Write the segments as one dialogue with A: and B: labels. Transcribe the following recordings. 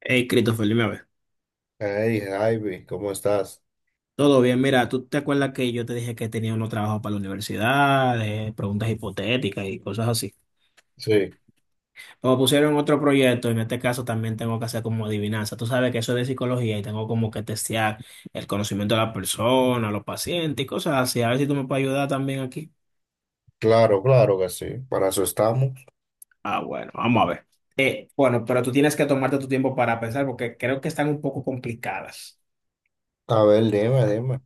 A: Hey, Christopher, dime a ver.
B: Hey, Javi, ¿cómo estás?
A: Todo bien, mira, ¿tú te acuerdas que yo te dije que tenía unos trabajos para la universidad, preguntas hipotéticas y cosas así?
B: Sí,
A: Me pusieron otro proyecto, en este caso también tengo que hacer como adivinanza. Tú sabes que eso es de psicología y tengo como que testear el conocimiento de la persona, los pacientes y cosas así. A ver si tú me puedes ayudar también aquí.
B: claro, claro que sí. Para eso estamos.
A: Ah, bueno, vamos a ver. Bueno, pero tú tienes que tomarte tu tiempo para pensar porque creo que están un poco complicadas.
B: A ver, dime.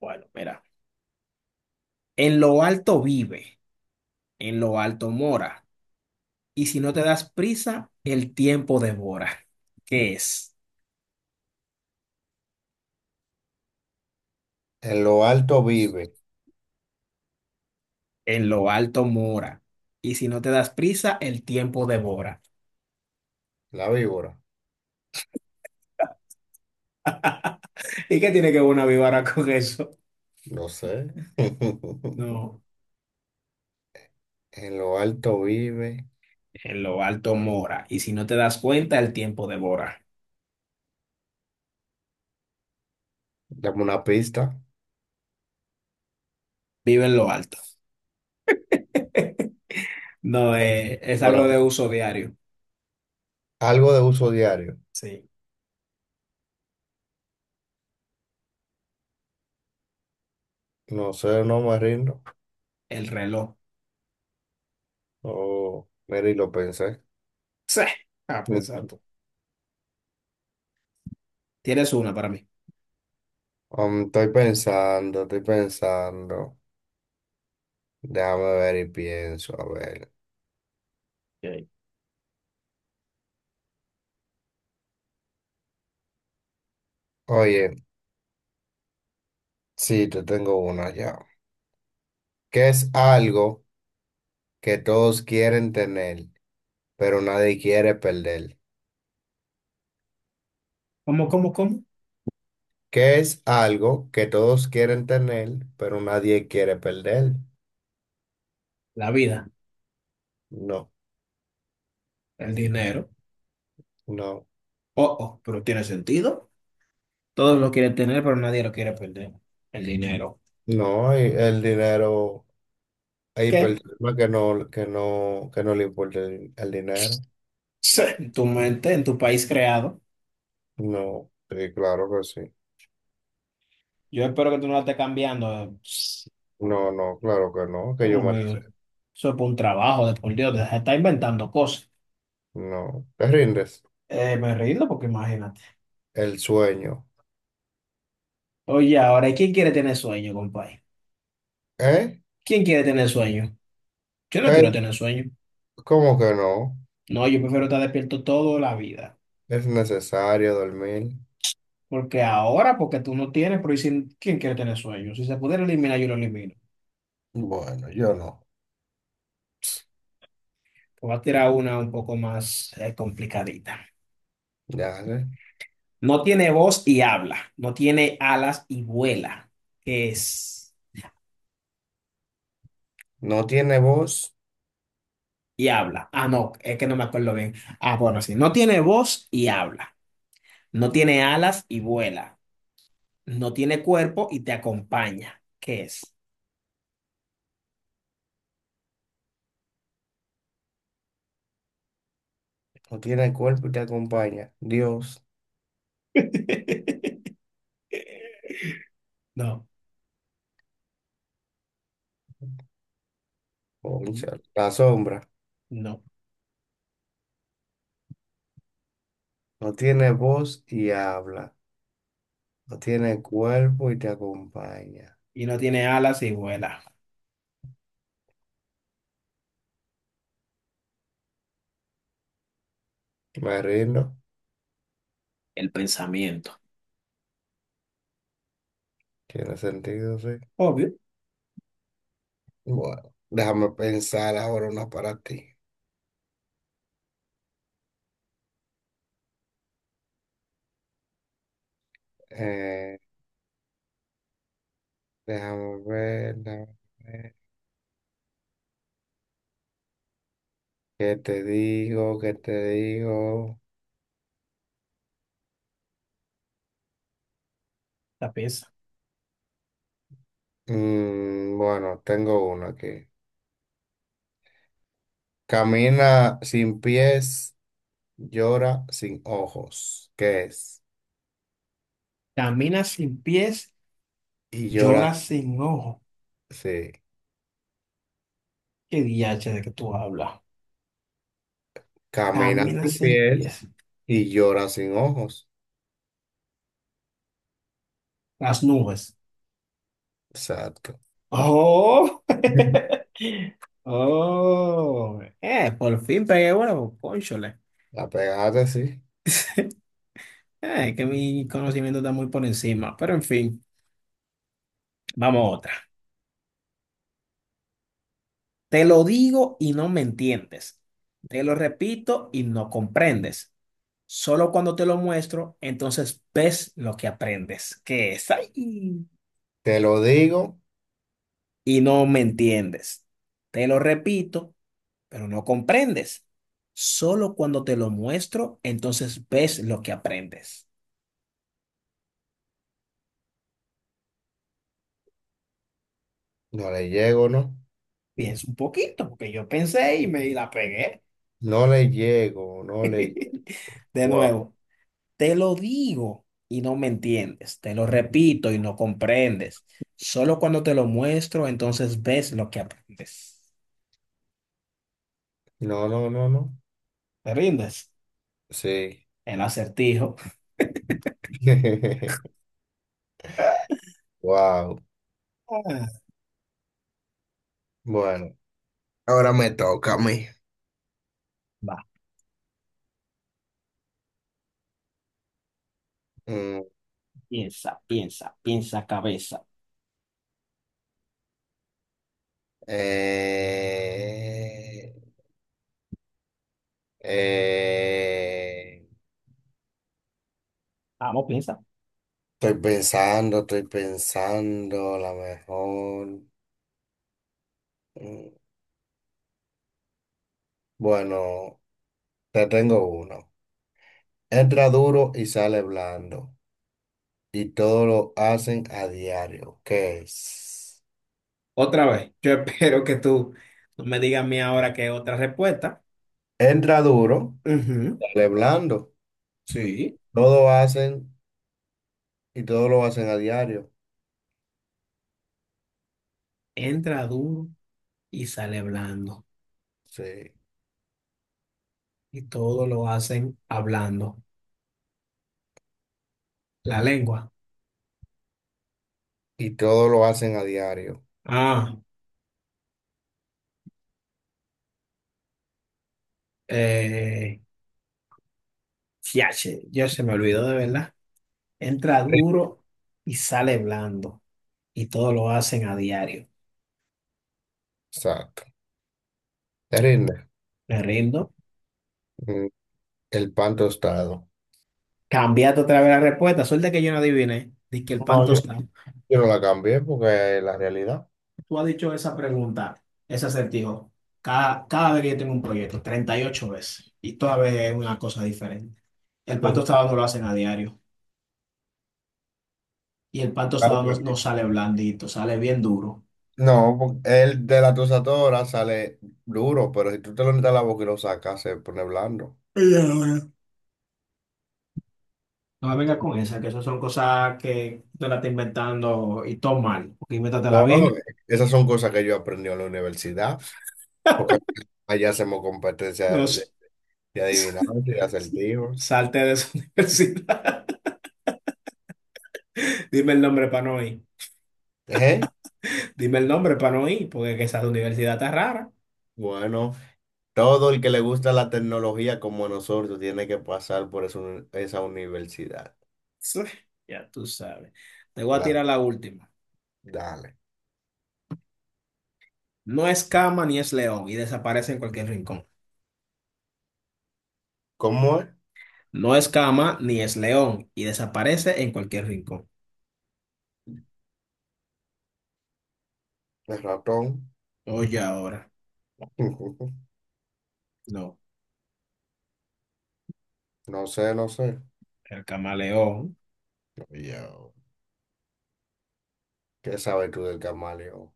A: Bueno, mira, en lo alto vive, en lo alto mora. Y si no te das prisa, el tiempo devora, que es
B: En lo alto vive
A: en lo alto mora. Y si no te das prisa, el tiempo devora.
B: la víbora.
A: ¿Y qué tiene que ver una víbora con eso?
B: No sé.
A: No,
B: En lo alto vive.
A: en lo alto mora. Y si no te das cuenta, el tiempo devora.
B: Dame una pista.
A: Vive en lo alto. No, es
B: Ahora,
A: algo de uso diario.
B: algo de uso diario.
A: Sí,
B: No sé, no me rindo.
A: el reloj.
B: Oh, mira, y lo pensé.
A: Sí. Ah, pues exacto. Tienes una para mí.
B: Estoy pensando, estoy pensando. Déjame ver y pienso, a ver.
A: Ok.
B: Oye, sí, te tengo una ya. ¿Qué es algo que todos quieren tener, pero nadie quiere perder?
A: ¿Cómo, cómo, cómo?
B: ¿Qué es algo que todos quieren tener, pero nadie quiere perder?
A: La vida,
B: No,
A: el dinero.
B: no,
A: Oh, oh, pero tiene sentido. Todos lo quieren tener, pero nadie lo quiere perder. El dinero.
B: no, hay el dinero, hay
A: ¿Qué?
B: personas que no, que no le importa el dinero.
A: Sí, en tu mente, en tu país creado.
B: No, sí, claro que sí.
A: Yo espero que tú no lo estés cambiando.
B: No, no, claro que no, que yo
A: Dios
B: me la
A: mío.
B: sé.
A: Eso es por un trabajo, de por Dios. Se está inventando cosas.
B: No, te rindes.
A: Me río porque imagínate.
B: El sueño.
A: Oye, ahora, ¿quién quiere tener sueño, compadre?
B: ¿Eh?
A: ¿Quién quiere tener sueño? Yo no
B: ¿Eh?
A: quiero tener sueño.
B: ¿Cómo que no?
A: No, yo prefiero estar despierto toda la vida.
B: Es necesario dormir.
A: Porque ahora, porque tú no tienes, pero ¿quién quiere tener sueño? Si se pudiera eliminar, yo lo elimino.
B: Bueno, yo no.
A: Voy a tirar una un poco más complicadita.
B: Dale.
A: No tiene voz y habla. No tiene alas y vuela. ¿Qué es?
B: No tiene voz,
A: Y habla. Ah, no, es que no me acuerdo bien. Ah, bueno, sí. No tiene voz y habla. No tiene alas y vuela. No tiene cuerpo y te acompaña. ¿Qué es?
B: no tiene cuerpo y te acompaña. Dios,
A: No,
B: cónchale. La sombra.
A: no.
B: No tiene voz y habla. No tiene cuerpo y te acompaña.
A: Y no tiene alas y vuela.
B: Me rindo.
A: El pensamiento.
B: Tiene sentido, sí.
A: Obvio,
B: Bueno, déjame pensar ahora una para ti. Eh, déjame ver. ¿Qué te digo? ¿Qué te digo?
A: la pieza.
B: Mm, bueno, tengo una aquí. Camina sin pies, llora sin ojos, ¿qué es?
A: Camina sin pies,
B: Y llora,
A: llora sin ojo.
B: sí.
A: ¿Qué diache de que tú hablas?
B: Camina
A: Camina
B: sin
A: sin
B: pies
A: pies.
B: y llora sin ojos.
A: Las nubes.
B: Exacto.
A: Oh,
B: Ujú.
A: oh, por fin pegué bueno, cónchole.
B: La pegaste, sí.
A: Es que mi conocimiento está muy por encima, pero en fin, vamos a otra. Te lo digo y no me entiendes. Te lo repito y no comprendes. Solo cuando te lo muestro, entonces ves lo que aprendes, que es ahí
B: Te lo digo,
A: y no me entiendes. Te lo repito pero no comprendes. Solo cuando te lo muestro, entonces ves lo que aprendes.
B: no le llego, ¿no?
A: Piensa un poquito, porque yo pensé y me la pegué.
B: No le llego.
A: De
B: Wow.
A: nuevo, te lo digo y no me entiendes. Te lo repito y no comprendes. Solo cuando te lo muestro, entonces ves lo que aprendes.
B: No, no, no, no.
A: ¿Te rindes?
B: Sí.
A: El acertijo.
B: Wow.
A: Ah,
B: Bueno, ahora me toca a mí.
A: va,
B: Mm,
A: piensa, piensa, piensa cabeza.
B: eh, eh,
A: Vamos, piensa.
B: Estoy pensando, a lo mejor. mm, Bueno, te tengo uno. Entra duro y sale blando. Y todo lo hacen a diario. ¿Qué es?
A: Otra vez, yo espero que tú no me digas a mí ahora que otra respuesta.
B: Entra duro,
A: Ujú.
B: sale blando.
A: Sí.
B: Todo hacen y todo lo hacen a diario.
A: Entra duro y sale blando.
B: Sí.
A: Y todo lo hacen hablando. La lengua.
B: Y todo lo hacen a diario.
A: Ah, eh, fiache, yo se me olvidó de verdad. Entra
B: Sí.
A: duro y sale blando. Y todo lo hacen a diario.
B: Exacto. Te rinde.
A: Me rindo.
B: Mm, El pan tostado.
A: Cambiate otra vez la respuesta. Suerte que yo no adiviné. Dice que el pan
B: No,
A: tostado.
B: yo no la cambié porque es la realidad.
A: Tú has dicho esa pregunta, ese acertijo, cada vez que yo tengo un proyecto, 38 veces, y toda vez es una cosa diferente. El pan tostado no lo hacen a diario, y el pan tostado no, no
B: Claro.
A: sale blandito, sale bien duro.
B: No, po- el de la tusatora sale duro, pero si tú te lo metes a la boca y lo sacas, se pone blando.
A: Y ahora, no me venga con esa, que esas son cosas que tú te la estás inventando y todo mal, porque
B: No,
A: invéntatela bien.
B: esas son cosas que yo aprendí en la universidad, porque allá hacemos competencia
A: No sé.
B: de adivinanzas y acertijos.
A: Salte de esa universidad. Dime el nombre para no ir.
B: Ejé.
A: Dime el nombre para no ir, porque que esa universidad está rara.
B: Bueno, todo el que le gusta la tecnología como nosotros tiene que pasar por esa esa universidad.
A: Sí, ya tú sabes. Te voy a
B: La,
A: tirar la última.
B: dale.
A: No es cama ni es león y desaparece en cualquier rincón.
B: ¿Cómo es?
A: No es cama ni es león y desaparece en cualquier rincón.
B: El ratón.
A: Oye, ahora. No,
B: No sé, no sé.
A: el camaleón.
B: Yo, ¿qué sabes tú del camaleón?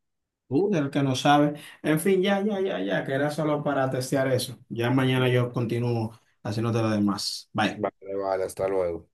A: El que no sabe. En fin, ya, ya, ya, ya, que era solo para testear eso. Ya mañana yo continúo haciéndote lo demás. Bye.
B: Vale, vale, hasta luego.